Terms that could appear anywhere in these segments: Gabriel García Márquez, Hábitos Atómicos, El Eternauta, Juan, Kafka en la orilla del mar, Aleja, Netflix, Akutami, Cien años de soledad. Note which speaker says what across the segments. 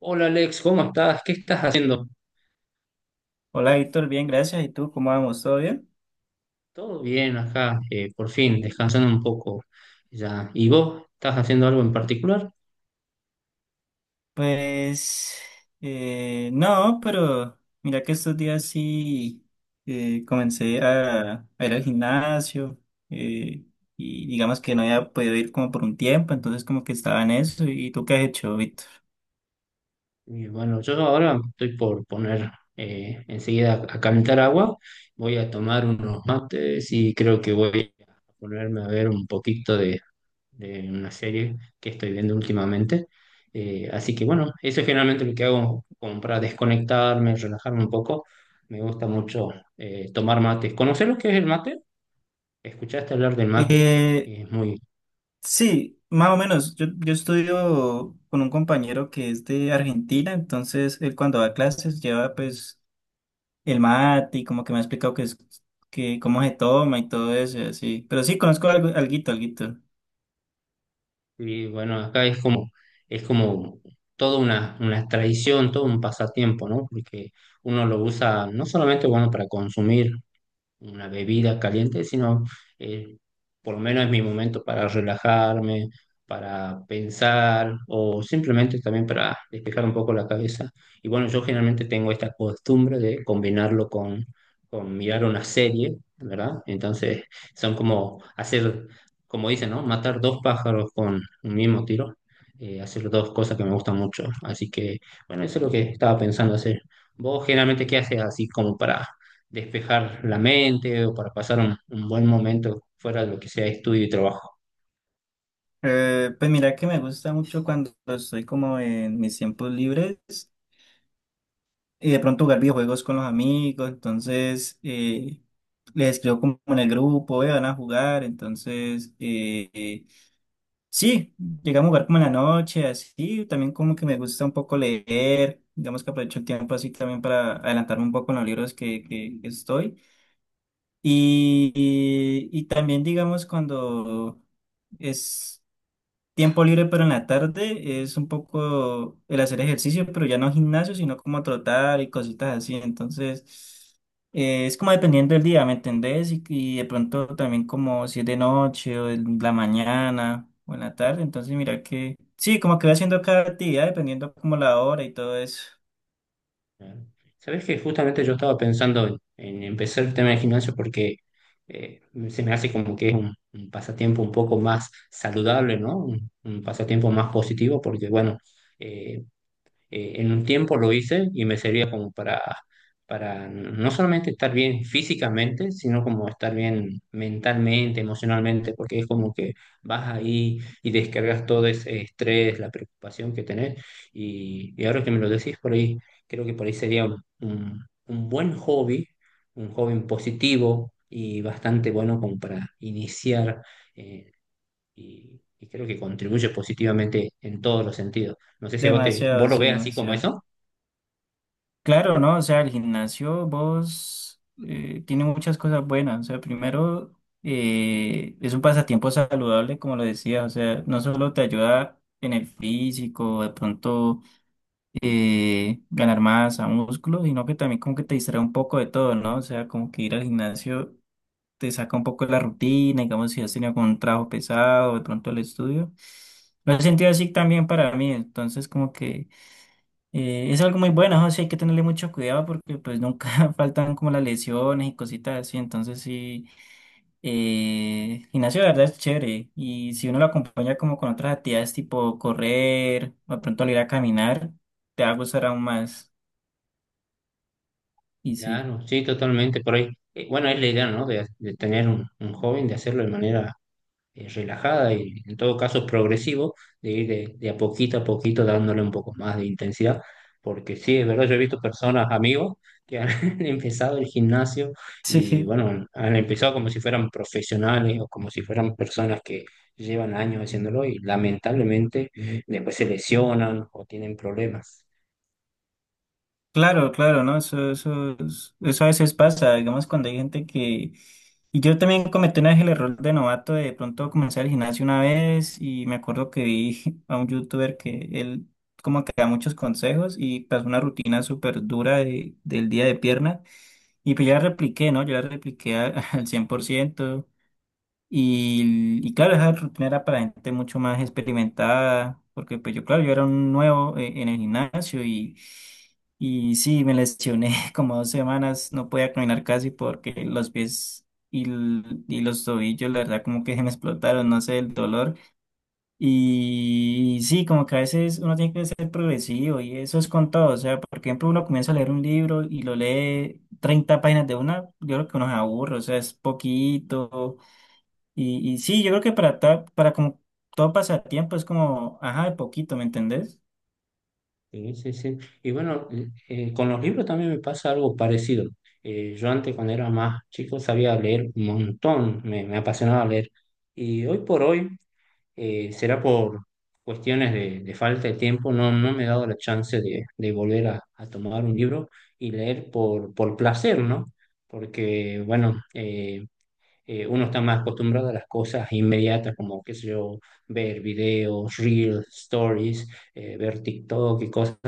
Speaker 1: Hola Alex, ¿cómo estás? ¿Qué estás haciendo?
Speaker 2: Hola Víctor, bien, gracias. ¿Y tú cómo vamos? ¿Todo bien?
Speaker 1: Todo bien acá, por fin, descansando un poco ya. ¿Y vos estás haciendo algo en particular?
Speaker 2: Pues no, pero mira que estos días sí, comencé a ir al gimnasio, eh, y digamos que no había podido ir como por un tiempo, entonces como que estaba en eso. ¿Y tú qué has hecho, Víctor?
Speaker 1: Y bueno, yo ahora estoy por poner enseguida a calentar agua, voy a tomar unos mates y creo que voy a ponerme a ver un poquito de una serie que estoy viendo últimamente. Así que bueno, eso es generalmente lo que hago como para desconectarme, relajarme un poco. Me gusta mucho tomar mates. ¿Conoces lo que es el mate? ¿Escuchaste hablar del mate?
Speaker 2: Eh,
Speaker 1: Es muy,
Speaker 2: sí, más o menos. Yo estudio con un compañero que es de Argentina, entonces él cuando va a clases lleva pues el mate y como que me ha explicado que es que cómo se toma y todo eso, y así. Pero sí, conozco algo, alguito, alguito.
Speaker 1: y bueno, acá es como toda una tradición, todo un pasatiempo, ¿no? Porque uno lo usa no solamente, bueno, para consumir una bebida caliente, sino eh, por lo menos es mi momento para relajarme, para pensar o simplemente también para despejar un poco la cabeza. Y bueno, yo generalmente tengo esta costumbre de combinarlo con mirar una serie, ¿verdad? Entonces son como hacer, como dicen, ¿no? Matar dos pájaros con un mismo tiro. Hacer dos cosas que me gustan mucho. Así que, bueno, eso es lo que estaba pensando hacer. ¿Vos generalmente qué haces así como para despejar la mente o para pasar un buen momento fuera de lo que sea estudio y trabajo?
Speaker 2: Pues mira que me gusta mucho cuando estoy como en mis tiempos libres y de pronto jugar videojuegos con los amigos, entonces les escribo como en el grupo, "Ve, van a jugar, entonces sí, llegamos a jugar como en la noche", así, también como que me gusta un poco leer, digamos que aprovecho el tiempo así también para adelantarme un poco en los libros que estoy. Y también, digamos, cuando es tiempo libre, pero en la tarde, es un poco el hacer ejercicio, pero ya no gimnasio, sino como trotar y cositas así. Entonces, es como dependiendo del día, ¿me entendés? Y de pronto también como si es de noche o en la mañana o en la tarde. Entonces, mira que, sí, como que voy haciendo cada actividad, dependiendo como la hora y todo eso.
Speaker 1: ¿No? Sabes que justamente yo estaba pensando en empezar el tema de gimnasio porque eh, se me hace como que es un pasatiempo un poco más saludable, ¿no? Un pasatiempo más positivo porque, bueno, eh, en un tiempo lo hice y me servía como para no solamente estar bien físicamente, sino como estar bien mentalmente, emocionalmente, porque es como que vas ahí y descargas todo ese estrés, la preocupación que tenés. Y ahora que me lo decís por ahí, creo que por ahí sería un, un buen hobby, un hobby positivo y bastante bueno como para iniciar. eh, y, y creo que contribuye positivamente en todos los sentidos. No sé si a vos, te,
Speaker 2: Demasiado,
Speaker 1: vos lo
Speaker 2: sí,
Speaker 1: ves así como
Speaker 2: demasiado.
Speaker 1: eso.
Speaker 2: Claro, ¿no? O sea, el gimnasio, vos, tiene muchas cosas buenas. O sea, primero, es un pasatiempo saludable, como lo decías. O sea, no solo te ayuda en el físico, de pronto ganar masa, músculo, sino que también como que te distrae un poco de todo, ¿no? O sea, como que ir al gimnasio te saca un poco de la rutina, digamos, si has tenido como un trabajo pesado, de pronto el estudio. Lo he sentido así también para mí. Entonces, como que es algo muy bueno, ¿no? Sí, hay que tenerle mucho cuidado porque pues nunca faltan como las lesiones y cositas así, entonces sí, gimnasio de verdad es chévere y si uno lo acompaña como con otras actividades tipo correr o de pronto al ir a caminar, te va a gustar aún más y sí.
Speaker 1: Claro, sí, totalmente, por ahí. Bueno, es la idea, ¿no? De tener un joven, de hacerlo de manera relajada y en todo caso progresivo, de ir de a poquito dándole un poco más de intensidad, porque sí, es verdad, yo he visto personas, amigos, que han empezado el gimnasio y
Speaker 2: Sí.
Speaker 1: bueno, han empezado como si fueran profesionales o como si fueran personas que llevan años haciéndolo y lamentablemente después se lesionan o tienen problemas.
Speaker 2: Claro, claro, ¿no? Eso, eso a veces pasa, digamos, cuando hay gente que... Y yo también cometí una vez el error de novato de pronto comenzar el gimnasio una vez y me acuerdo que vi a un youtuber que él como que da muchos consejos y pasó una rutina súper dura del día de pierna y pues ya la repliqué, ¿no? Yo la repliqué al 100%. Y claro, esa rutina era para gente mucho más experimentada, porque pues yo, claro, yo era un nuevo en el gimnasio y sí, me lesioné como 2 semanas, no podía caminar casi porque los pies y, l- y los tobillos, la verdad, como que se me explotaron, no sé, el dolor. Y, sí, como que a veces uno tiene que ser progresivo y eso es con todo, o sea, por ejemplo, uno comienza a leer un libro y lo lee 30 páginas de una, yo creo que uno se aburre, o sea, es poquito y sí, yo creo que para, para como todo pasatiempo es como, ajá, de poquito, ¿me entendés?
Speaker 1: Sí, sí, sí. Y bueno, con los libros también me pasa algo parecido. Yo antes, cuando era más chico, sabía leer un montón, me apasionaba leer. Y hoy por hoy, será por cuestiones de falta de tiempo, no, no me he dado la chance de volver a tomar un libro y leer por placer, ¿no? Porque, bueno, uno está más acostumbrado a las cosas inmediatas, como, qué sé yo, ver videos, reels, stories, ver TikTok y cosas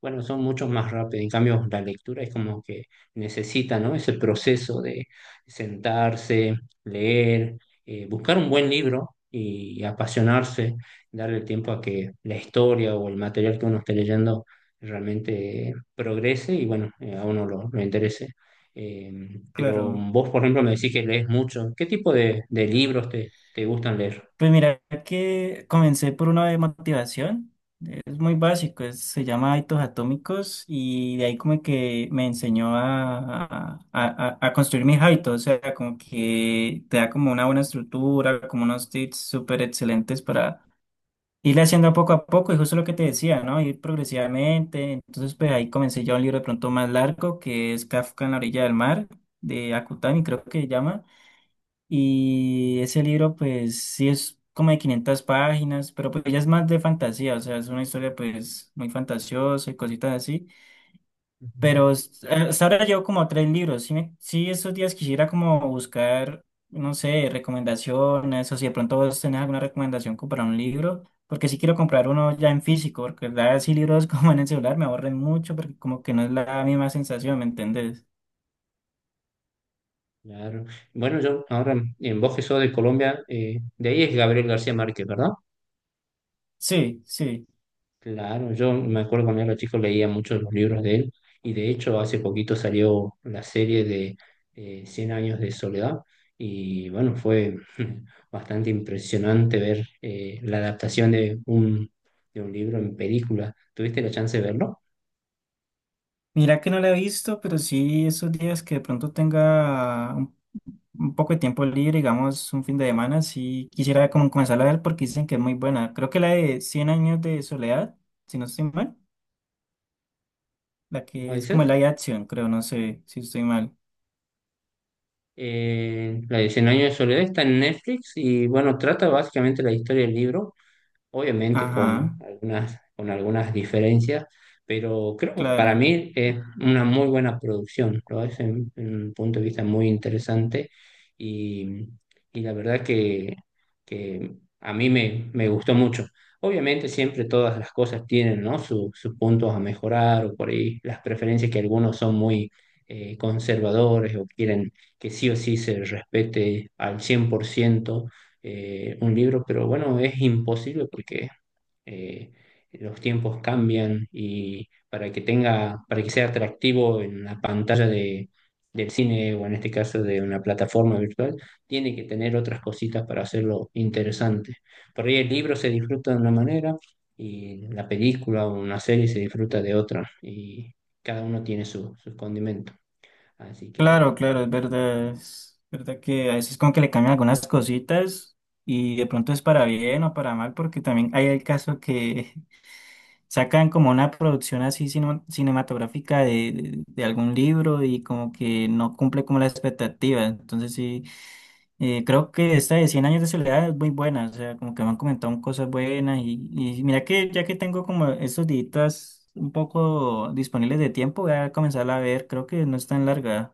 Speaker 1: bueno, son mucho más rápidos. En cambio, la lectura es como que necesita, ¿no? Ese proceso de sentarse, leer, buscar un buen libro y, apasionarse, darle tiempo a que la historia o el material que uno esté leyendo realmente progrese y, bueno, a uno lo interese. Eh, pero
Speaker 2: Claro.
Speaker 1: vos, por ejemplo, me decís que lees mucho. ¿Qué tipo de libros te, te gustan leer?
Speaker 2: Pues mira que comencé por una de motivación, es muy básico, es- se llama Hábitos Atómicos y de ahí como que me enseñó a, a construir mis hábitos, o sea, como que te da como una buena estructura, como unos tips súper excelentes para irle haciendo poco a poco, y justo lo que te decía, ¿no? Ir progresivamente. Entonces, pues ahí comencé ya un libro de pronto más largo, que es Kafka en la orilla del mar, de Akutami, creo que se llama. Y ese libro, pues sí es como de 500 páginas, pero pues ya es más de fantasía, o sea, es una historia pues muy fantasiosa y cositas así.
Speaker 1: Ujú.
Speaker 2: Pero es- hasta ahora llevo como tres libros. Sí, sí, esos días quisiera como buscar, no sé, recomendaciones o si de pronto vos tenés alguna recomendación como para un libro, porque sí quiero comprar uno ya en físico, porque la verdad sí libros como en el celular me aburren mucho porque como que no es la misma sensación, ¿me entendés?
Speaker 1: Claro. Bueno, yo ahora en vos que sos de Colombia, de ahí es Gabriel García Márquez, ¿verdad?
Speaker 2: Sí, sí.
Speaker 1: Claro, yo me acuerdo cuando era chico leía muchos de los libros de él y de hecho hace poquito salió la serie de 100 años de soledad y bueno, fue bastante impresionante ver la adaptación de un libro en película. ¿Tuviste la chance de verlo?
Speaker 2: Mira que no la he visto, pero sí esos días que de pronto tenga un poco de tiempo libre, digamos, un fin de semana, sí quisiera como comenzar a ver porque dicen que es muy buena. Creo que la de Cien años de soledad, si no estoy mal, la
Speaker 1: ¿Cómo
Speaker 2: que es como la
Speaker 1: dices?
Speaker 2: de acción, creo, no sé si estoy mal.
Speaker 1: La de Cien años de soledad está en Netflix y bueno, trata básicamente la historia del libro obviamente
Speaker 2: Ajá,
Speaker 1: con algunas diferencias, pero creo que para
Speaker 2: claro,
Speaker 1: mí es una muy buena producción, lo es en un punto de vista muy interesante y, y la verdad que a mí me, me gustó mucho. Obviamente siempre todas las cosas tienen, ¿no? Sus puntos a mejorar o por ahí las preferencias que algunos son muy conservadores o quieren que sí o sí se respete al 100% un libro, pero bueno, es imposible porque eh, los tiempos cambian y para que tenga, para que sea atractivo en la pantalla de, del cine o en este caso de una plataforma virtual, tiene que tener otras cositas para hacerlo interesante. Por ahí el libro se disfruta de una manera y la película o una serie se disfruta de otra y cada uno tiene su, sus condimentos. Así que
Speaker 2: claro, claro, es verdad que a veces como que le cambian algunas cositas y de pronto es para bien o para mal porque también hay el caso que sacan como una producción así cinematográfica de algún libro y como que no cumple como la expectativa. Entonces sí, creo que esta de Cien años de soledad es muy buena, o sea, como que me han comentado cosas buenas y mira que ya que tengo como estos días un poco disponibles de tiempo, voy a comenzarla a ver, creo que no es tan larga.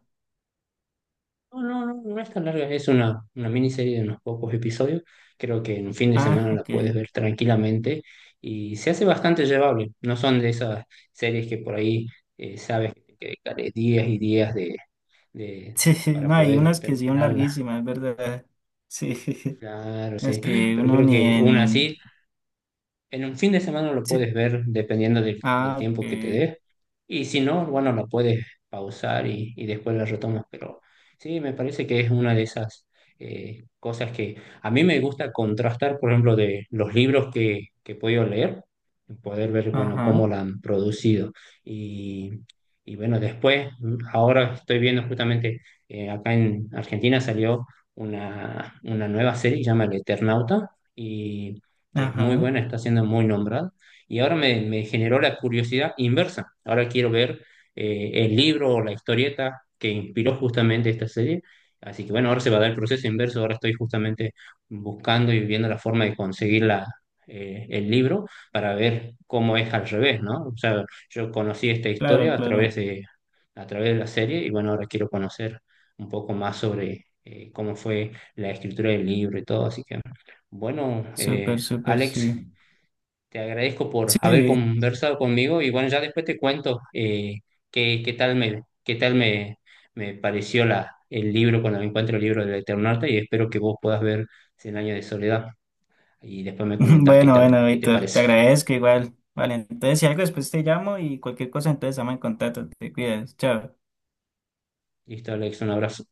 Speaker 1: no, no, no, no es tan larga, es una miniserie de unos pocos episodios. Creo que en un fin de
Speaker 2: Ah,
Speaker 1: semana la
Speaker 2: ok.
Speaker 1: puedes ver tranquilamente y se hace bastante llevable. No son de esas series que por ahí sabes que te dedicaré días y días de, de-
Speaker 2: Sí,
Speaker 1: para
Speaker 2: no, hay
Speaker 1: poder
Speaker 2: unas que sí son
Speaker 1: terminarla.
Speaker 2: larguísimas, es verdad. Sí,
Speaker 1: Claro,
Speaker 2: las
Speaker 1: sí.
Speaker 2: que
Speaker 1: Pero
Speaker 2: uno
Speaker 1: creo
Speaker 2: ni
Speaker 1: que una
Speaker 2: en...
Speaker 1: así en un fin de semana lo puedes
Speaker 2: Sí.
Speaker 1: ver dependiendo del, del
Speaker 2: Ah, ok.
Speaker 1: tiempo que te dé. Y si no, bueno, lo puedes pausar y después lo retomas. Pero sí, me parece que es una de esas cosas que a mí me gusta contrastar, por ejemplo, de los libros que he podido leer, y poder ver, bueno, cómo
Speaker 2: Ajá,
Speaker 1: la han producido. Y, y bueno, después, ahora estoy viendo justamente, acá en Argentina salió una nueva serie, que se llama El Eternauta. Y que es muy
Speaker 2: ajá.
Speaker 1: buena, está siendo muy nombrada, y ahora me, me generó la curiosidad inversa. Ahora quiero ver el libro o la historieta que inspiró justamente esta serie. Así que bueno, ahora se va a dar el proceso inverso, ahora estoy justamente buscando y viendo la forma de conseguir la, el libro para ver cómo es al revés, ¿no? O sea, yo conocí esta historia
Speaker 2: Claro, claro.
Speaker 1: a través de la serie y bueno, ahora quiero conocer un poco más sobre cómo fue la escritura del libro y todo, así que bueno,
Speaker 2: Súper, súper,
Speaker 1: Alex,
Speaker 2: sí.
Speaker 1: te agradezco por haber
Speaker 2: Sí.
Speaker 1: conversado conmigo y bueno, ya después te cuento qué, qué tal me, me pareció la, el libro cuando me encuentro el libro del Eternauta y espero que vos puedas ver Cien años de soledad y después me comentás qué
Speaker 2: Bueno,
Speaker 1: tal,
Speaker 2: bueno,
Speaker 1: qué te
Speaker 2: Víctor, te
Speaker 1: parece.
Speaker 2: agradezco igual. Vale, entonces si algo después te llamo y cualquier cosa, entonces estamos en contacto. Te cuidas. Chao.
Speaker 1: Listo, Alex, un abrazo.